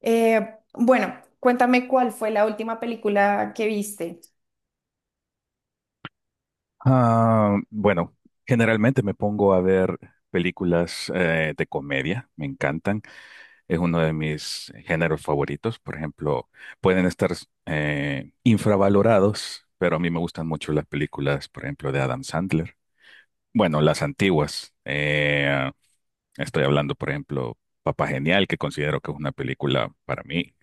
Eh, bueno, cuéntame cuál fue la última película que viste. Ah, bueno, generalmente me pongo a ver películas de comedia, me encantan. Es uno de mis géneros favoritos. Por ejemplo, pueden estar infravalorados, pero a mí me gustan mucho las películas, por ejemplo, de Adam Sandler. Bueno, las antiguas. Estoy hablando, por ejemplo, Papá Genial, que considero que es una película para mí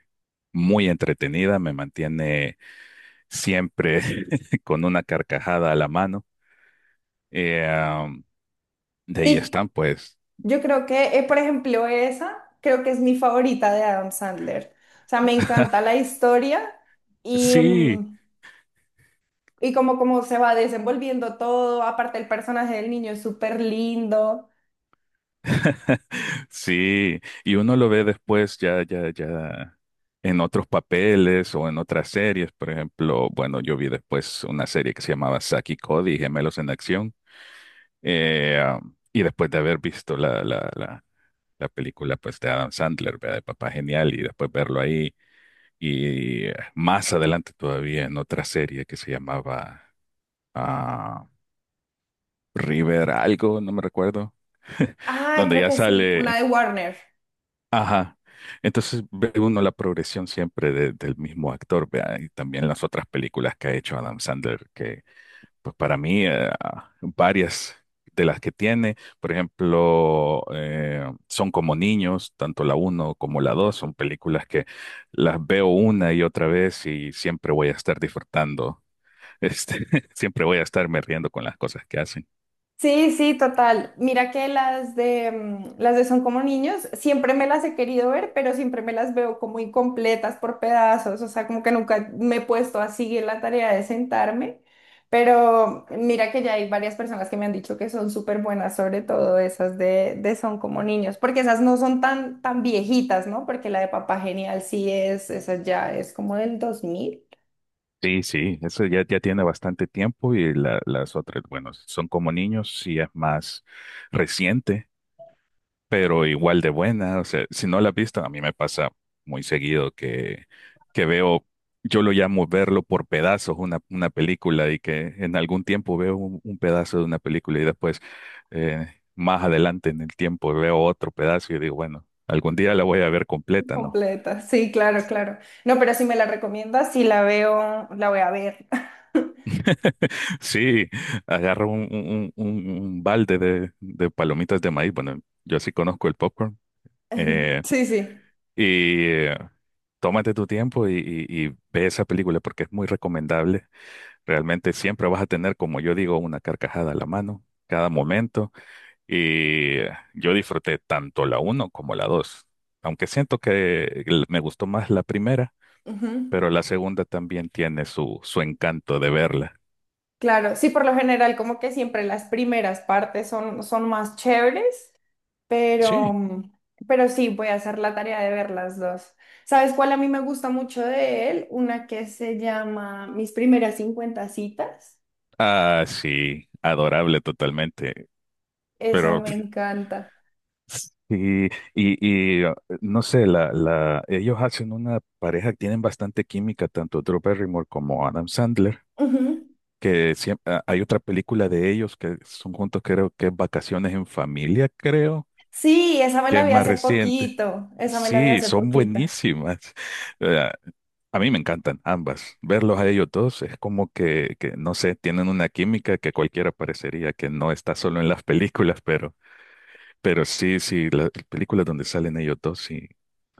muy entretenida, me mantiene siempre con una carcajada a la mano. Eh, De ahí Sí, están, pues. yo creo que, por ejemplo, esa creo que es mi favorita de Adam Sandler. O sea, me encanta la historia y, Sí, y como se va desenvolviendo todo. Aparte, el personaje del niño es súper lindo. sí. Y uno lo ve después ya en otros papeles o en otras series. Por ejemplo, bueno, yo vi después una serie que se llamaba Saki y Cody, Gemelos en Acción. Y después de haber visto la película, pues, de Adam Sandler, ¿verdad? De Papá Genial, y después verlo ahí. Y más adelante todavía en otra serie que se llamaba ah, River algo, no me recuerdo. Ah, Donde creo ya que sí, una sale, de Warner. ajá. Entonces ve uno la progresión siempre del mismo actor, vea, y también las otras películas que ha hecho Adam Sandler, que pues para mí varias de las que tiene, por ejemplo, son como niños, tanto la uno como la 2 son películas que las veo una y otra vez y siempre voy a estar disfrutando, este, siempre voy a estarme riendo con las cosas que hacen. Sí, sí, total. Mira que las de las de Son como niños, siempre me las he querido ver, pero siempre me las veo como incompletas por pedazos, o sea, como que nunca me he puesto a seguir la tarea de sentarme, pero mira que ya hay varias personas que me han dicho que son súper buenas, sobre todo esas de Son como niños, porque esas no son tan, tan viejitas, ¿no? Porque la de Papá Genial sí es, esa ya es como del 2000. Sí, sí, eso ya tiene bastante tiempo, y las otras, bueno, son como niños, sí es más reciente, pero igual de buena. O sea, si no la has visto, a mí me pasa muy seguido que veo, yo lo llamo verlo por pedazos, una película, y que en algún tiempo veo un pedazo de una película y después más adelante en el tiempo veo otro pedazo y digo, bueno, algún día la voy a ver completa, ¿no? Completa, sí, claro, claro. No, pero si me la recomiendas, si la veo, la voy a ver. Sí, agarro un balde de palomitas de maíz. Bueno, yo sí conozco el popcorn. eh, Sí, sí. y tómate tu tiempo y ve esa película porque es muy recomendable. Realmente siempre vas a tener, como yo digo, una carcajada a la mano, cada momento. Y yo disfruté tanto la uno como la dos. Aunque siento que me gustó más la primera, Ujú. pero la segunda también tiene su, su encanto de verla. Claro, sí, por lo general, como que siempre las primeras partes son, son más chéveres, pero, Sí. Pero sí, voy a hacer la tarea de ver las dos. ¿Sabes cuál a mí me gusta mucho de él? Una que se llama Mis primeras 50 citas. Ah, sí, adorable totalmente. Esa Pero me encanta. y, y no sé, la, ellos hacen una pareja que tienen bastante química, tanto Drew Barrymore como Adam Sandler, Ujú. que hay otra película de ellos que son juntos, creo que es Vacaciones en Familia, creo Sí, esa me que la es vi más hace reciente. poquito, esa me la vi Sí, hace son poquito. buenísimas. Eh, a mí me encantan ambas. Verlos a ellos dos es como que, no sé, tienen una química que cualquiera parecería que no está solo en las películas, pero, sí, sí, las películas donde salen ellos dos sí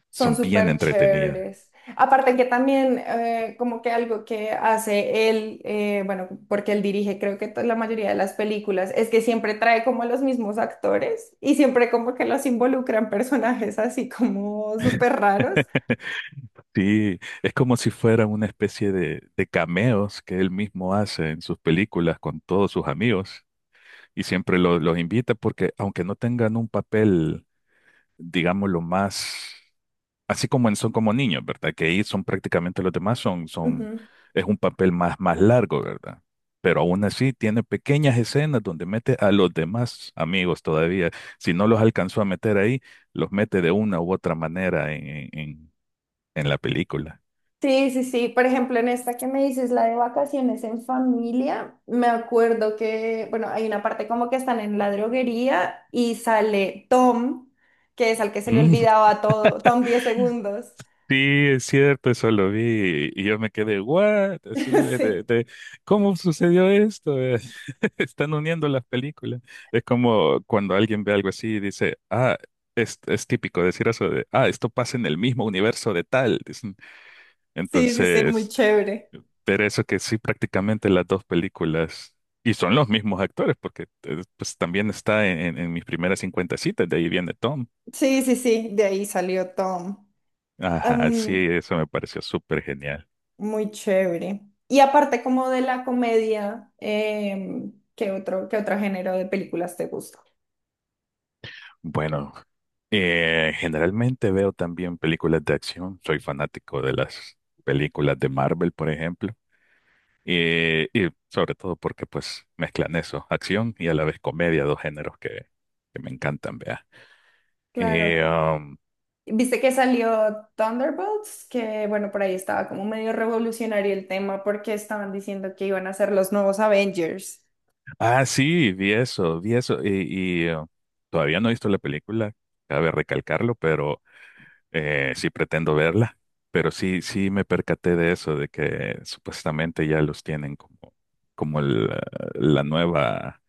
Son son bien súper entretenidas. chéveres. Aparte que también como que algo que hace él, bueno, porque él dirige creo que la mayoría de las películas, es que siempre trae como a los mismos actores y siempre como que los involucran personajes así como súper raros. Sí, es como si fuera una especie de cameos que él mismo hace en sus películas con todos sus amigos. Y siempre los invita porque, aunque no tengan un papel, digámoslo, más, así como son como niños, ¿verdad? Que ahí son prácticamente los demás, Ujú. es un papel más, más largo, ¿verdad? Pero aún así tiene pequeñas escenas donde mete a los demás amigos todavía. Si no los alcanzó a meter ahí, los mete de una u otra manera en la película. Sí, sí, sí. Por ejemplo, en esta que me dices, la de Vacaciones en Familia, me acuerdo que, bueno, hay una parte como que están en la droguería y sale Tom, que es al que se le olvidaba todo, Tom 10 segundos. Sí, es cierto, eso lo vi y yo me quedé, ¿what? Así Sí, ¿cómo sucedió esto? Están uniendo las películas. Es como cuando alguien ve algo así y dice, ah, es típico decir eso de, ah, esto pasa en el mismo universo de tal. Dicen. sí, sí, sí, muy Entonces, chévere. pero eso que sí, prácticamente las dos películas, y son los mismos actores, porque pues también está en, en mis primeras 50 citas, de ahí viene Tom. Sí, sí, sí, de ahí salió Tom. Ajá, sí, Em, eso me pareció súper genial. muy chévere. Y aparte como de la comedia, qué otro género de películas te gusta? Bueno. Generalmente veo también películas de acción. Soy fanático de las películas de Marvel, por ejemplo. Y sobre todo porque pues mezclan eso, acción y a la vez comedia, dos géneros que me encantan, vea. Claro. Eh, um, Viste que salió Thunderbolts, que bueno, por ahí estaba como medio revolucionario el tema porque estaban diciendo que iban a ser los nuevos Avengers. ah, sí, vi eso, vi eso. Todavía no he visto la película, cabe recalcarlo, pero sí pretendo verla. Pero sí, sí me percaté de eso, de que supuestamente ya los tienen como la nueva.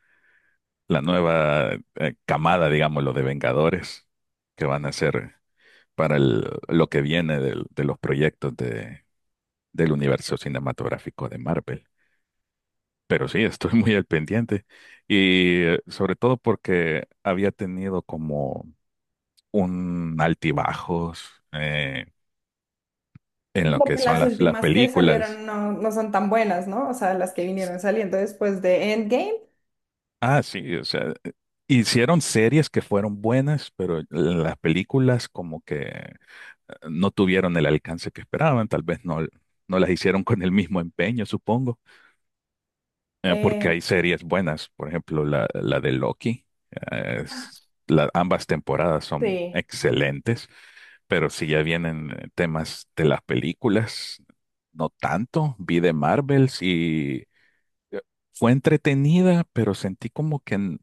la nueva camada, digámoslo, de Vengadores que van a ser para lo que viene de los proyectos del universo cinematográfico de Marvel. Pero sí, estoy muy al pendiente y sobre todo porque había tenido como un altibajos en lo Como que que son las las últimas que películas. salieron no, no son tan buenas, ¿no? O sea, las que vinieron saliendo después de Endgame. Ah, sí, o sea, hicieron series que fueron buenas, pero las películas como que no tuvieron el alcance que esperaban, tal vez no, no las hicieron con el mismo empeño, supongo, porque em, hay series buenas, por ejemplo, la de Loki. eh, es- Ambas temporadas son Sí. excelentes, pero si ya vienen temas de las películas, no tanto. Vi de Marvels y eh, fue entretenida, pero sentí como que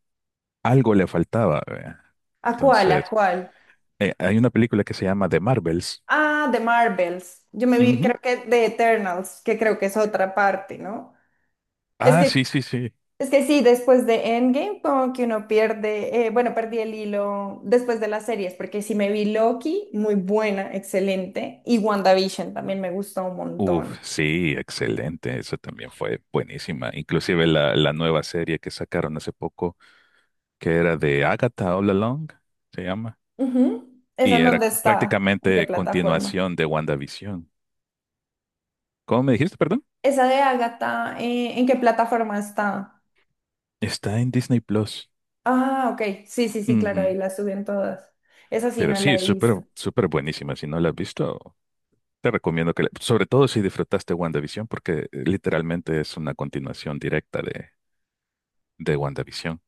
algo le faltaba, ¿verdad? ¿A cuál? ¿A Entonces, cuál? Hay una película que se llama The Marvels. Ah, de Marvels. Yo me vi, Ujú. creo que de Eternals, que creo que es otra parte, ¿no? Es Ah, que, sí, sí, sí. es que sí, después de Endgame, como que uno pierde, bueno, perdí el hilo después de las series, porque sí me vi Loki, muy buena, excelente, y WandaVision también me gustó un Uf, montón. sí, excelente. Eso también fue buenísima. Inclusive la nueva serie que sacaron hace poco, que era de Agatha All Along, se llama. Ujú. ¿Esa Y en era dónde está? ¿En qué prácticamente plataforma? continuación de WandaVision. ¿Cómo me dijiste, perdón? Esa de Agatha, ¿en qué plataforma está? Está en Disney Plus. Ah, ok. Sí, sí, sí, claro, ahí Ujú. la suben todas. Esa sí Pero no la sí, he súper, visto. súper buenísima. Si no la has visto, te recomiendo que la... Sobre todo si disfrutaste WandaVision, porque literalmente es una continuación directa de WandaVision.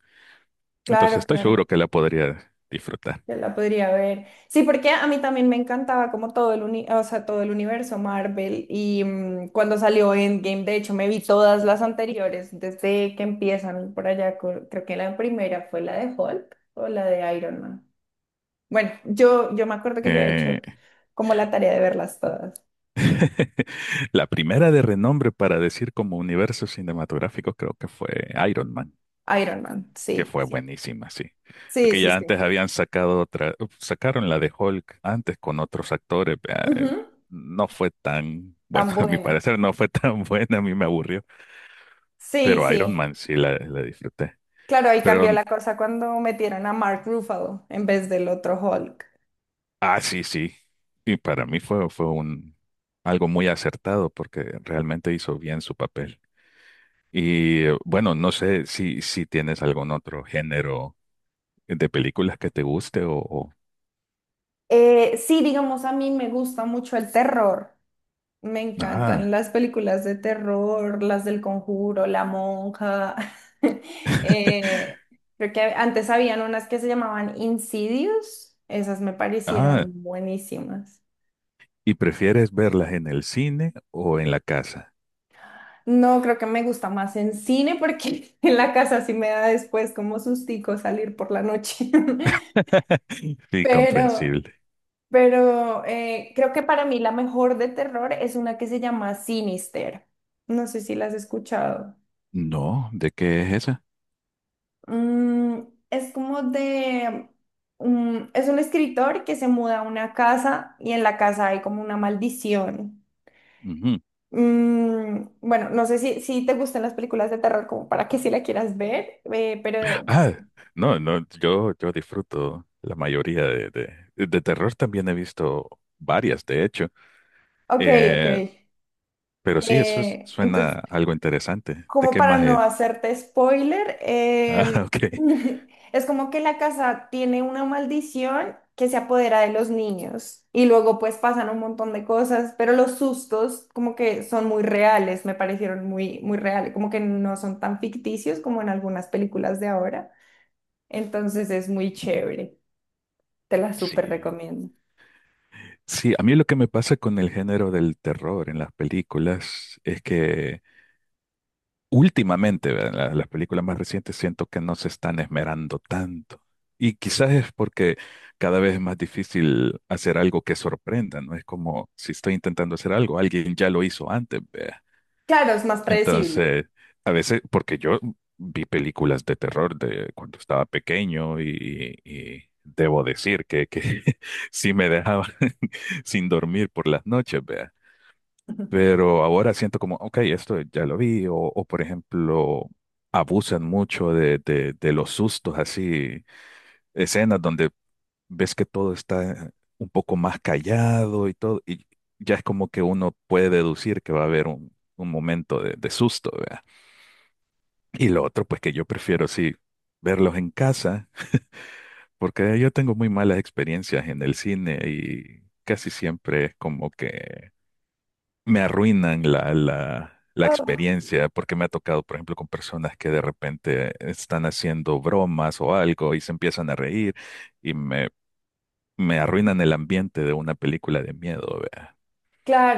Entonces Claro, estoy claro, seguro que la podría disfrutar. yo la podría ver. Sí, porque a mí también me encantaba como todo o sea, todo el universo Marvel y cuando salió Endgame, de hecho me vi todas las anteriores desde que empiezan por allá, creo que la primera fue la de Hulk o la de Iron Man. Bueno, yo me acuerdo que yo he Eh, hecho como la tarea de verlas todas. la primera de renombre para decir como universo cinematográfico creo que fue Iron Man, Iron Man, que sí, fue sí. buenísima, sí. Sí, Porque sí, ya sí. antes habían sacado otra, sacaron la de Hulk antes con otros actores, vea. Ujú, No fue tan, bueno, tan a mi buena. parecer no fue tan buena, a mí me aburrió. Sí, Pero Iron sí. Man sí la disfruté. Claro, ahí Pero, cambió la cosa cuando metieron a Mark Ruffalo en vez del otro Hulk. ah, sí, sí. Y para mí fue, algo muy acertado porque realmente hizo bien su papel. Y bueno, no sé si, si tienes algún otro género de películas que te guste o- Sí, digamos, a mí me gusta mucho el terror. Me Ah, encantan las películas de terror, las del Conjuro, La Monja. Eh, creo que antes habían unas que se llamaban Insidious. Esas me ah, parecieron buenísimas. ¿y prefieres verlas en el cine o en la casa? No, creo que me gusta más en cine porque en la casa sí me da después como sustico salir por la noche. Sí, Pero... comprensible. Pero creo que para mí la mejor de terror es una que se llama Sinister. No sé si la has escuchado. No, ¿de qué es esa? Mm, es como de... un- es un escritor que se muda a una casa y en la casa hay como una maldición. Ujú. Mm, bueno, no sé si, si te gustan las películas de terror como para que si la quieras ver, pero... Ah, no, no, yo disfruto la mayoría de terror. También he visto varias, de hecho. Ok, ok. Eh, pero sí, eso es- suena Entonces... algo interesante. ¿De como qué para más no es? hacerte spoiler, Ah, ok. es como que la casa tiene una maldición que se apodera de los niños y luego pues pasan un montón de cosas, pero los sustos como que son muy reales, me parecieron muy, muy reales, como que no son tan ficticios como en algunas películas de ahora. Entonces es muy chévere, te la súper Sí, recomiendo. sí, a mí lo que me pasa con el género del terror en las películas es que últimamente, ¿verdad? Las películas más recientes siento que no se están esmerando tanto. Y quizás es porque cada vez es más difícil hacer algo que sorprenda, ¿no? Es como si estoy intentando hacer algo, alguien ya lo hizo antes, ¿vea? Claro, es más predecible. Entonces, a veces, porque yo vi películas de terror de cuando estaba pequeño y debo decir que sí me dejaban sin dormir por las noches, vea. Pero ahora siento como, ok, esto ya lo vi, o por ejemplo, abusan mucho de los sustos, así, escenas donde ves que todo está un poco más callado y todo, y ya es como que uno puede deducir que va a haber un momento de susto, vea. Y lo otro, pues, que yo prefiero, sí, verlos en casa, porque yo tengo muy malas experiencias en el cine y casi siempre es como que me arruinan la Oh, experiencia, porque me ha tocado, por ejemplo, con personas que de repente están haciendo bromas o algo y se empiezan a reír y me arruinan el ambiente de una película de miedo, vea.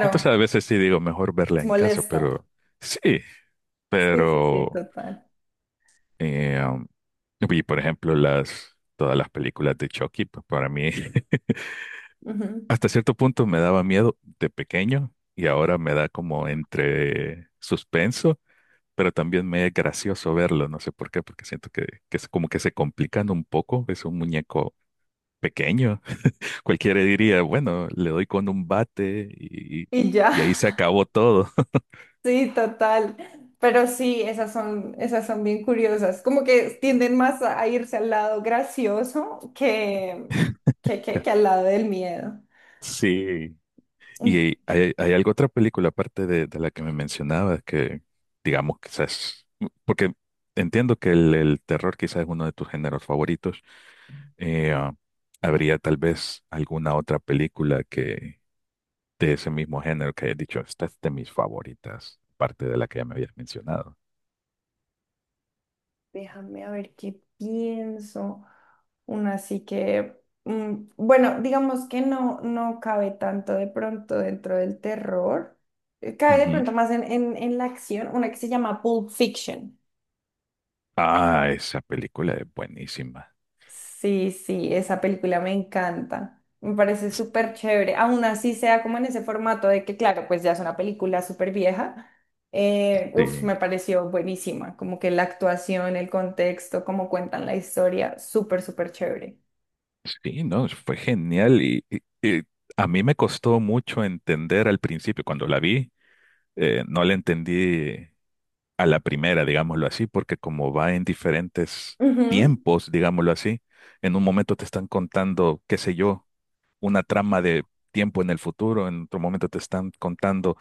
Entonces, a veces sí digo, mejor verla es en casa, molesto. pero sí, Sí, sí, sí, pero... total. Eh, um, y por ejemplo, todas las películas de Chucky, pues para mí Ujú. hasta cierto punto me daba miedo de pequeño y ahora me da como entre suspenso, pero también me es gracioso verlo, no sé por qué, porque siento que, es como que, se complican un poco, es un muñeco pequeño. Cualquiera diría, bueno, le doy con un bate Y y ahí ya. se acabó todo. Sí, total. Pero sí, esas son bien curiosas. Como que tienden más a irse al lado gracioso que, que al lado del miedo. Sí, y Mm, hay algo otra película aparte de la que me mencionabas que, digamos, quizás, porque entiendo que el terror quizás es uno de tus géneros favoritos. eh, ah, ¿Habría tal vez alguna otra película que, de ese mismo género, que hayas dicho, esta es de mis favoritas, aparte de la que ya me habías mencionado? Déjame a ver qué pienso. Una así que, bueno, digamos que no, no cabe tanto de pronto dentro del terror. Cabe de Ujú. pronto más en, en la acción, una que se llama Pulp Fiction. Ah, esa película es buenísima. Sí, sí, esa película me encanta. Me parece súper chévere. Aún así sea como en ese formato de que, claro, pues ya es una película súper vieja. Uf, Sí, me pareció buenísima. Como que la actuación, el contexto, cómo cuentan la historia, súper, súper chévere. sí, no, fue genial y a mí me costó mucho entender al principio cuando la vi. No le entendí a la primera, digámoslo así, porque como va en diferentes Ujú, tiempos, digámoslo así, en un momento te están contando, qué sé yo, una trama de tiempo en el futuro, en otro momento te están contando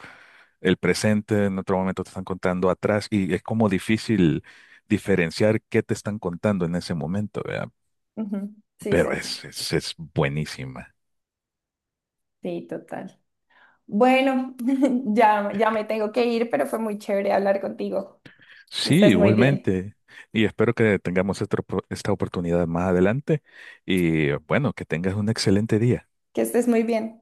el presente, en otro momento te están contando atrás, y es como difícil diferenciar qué te están contando en ese momento, ¿verdad? ujú, sí, Pero sí, sí, es buenísima. sí, total. Bueno, ya, ya me tengo que ir, pero fue muy chévere hablar contigo. Que Sí, estés muy bien. igualmente. Y espero que tengamos esta, esta oportunidad más adelante. Y bueno, que tengas un excelente día. Que estés muy bien.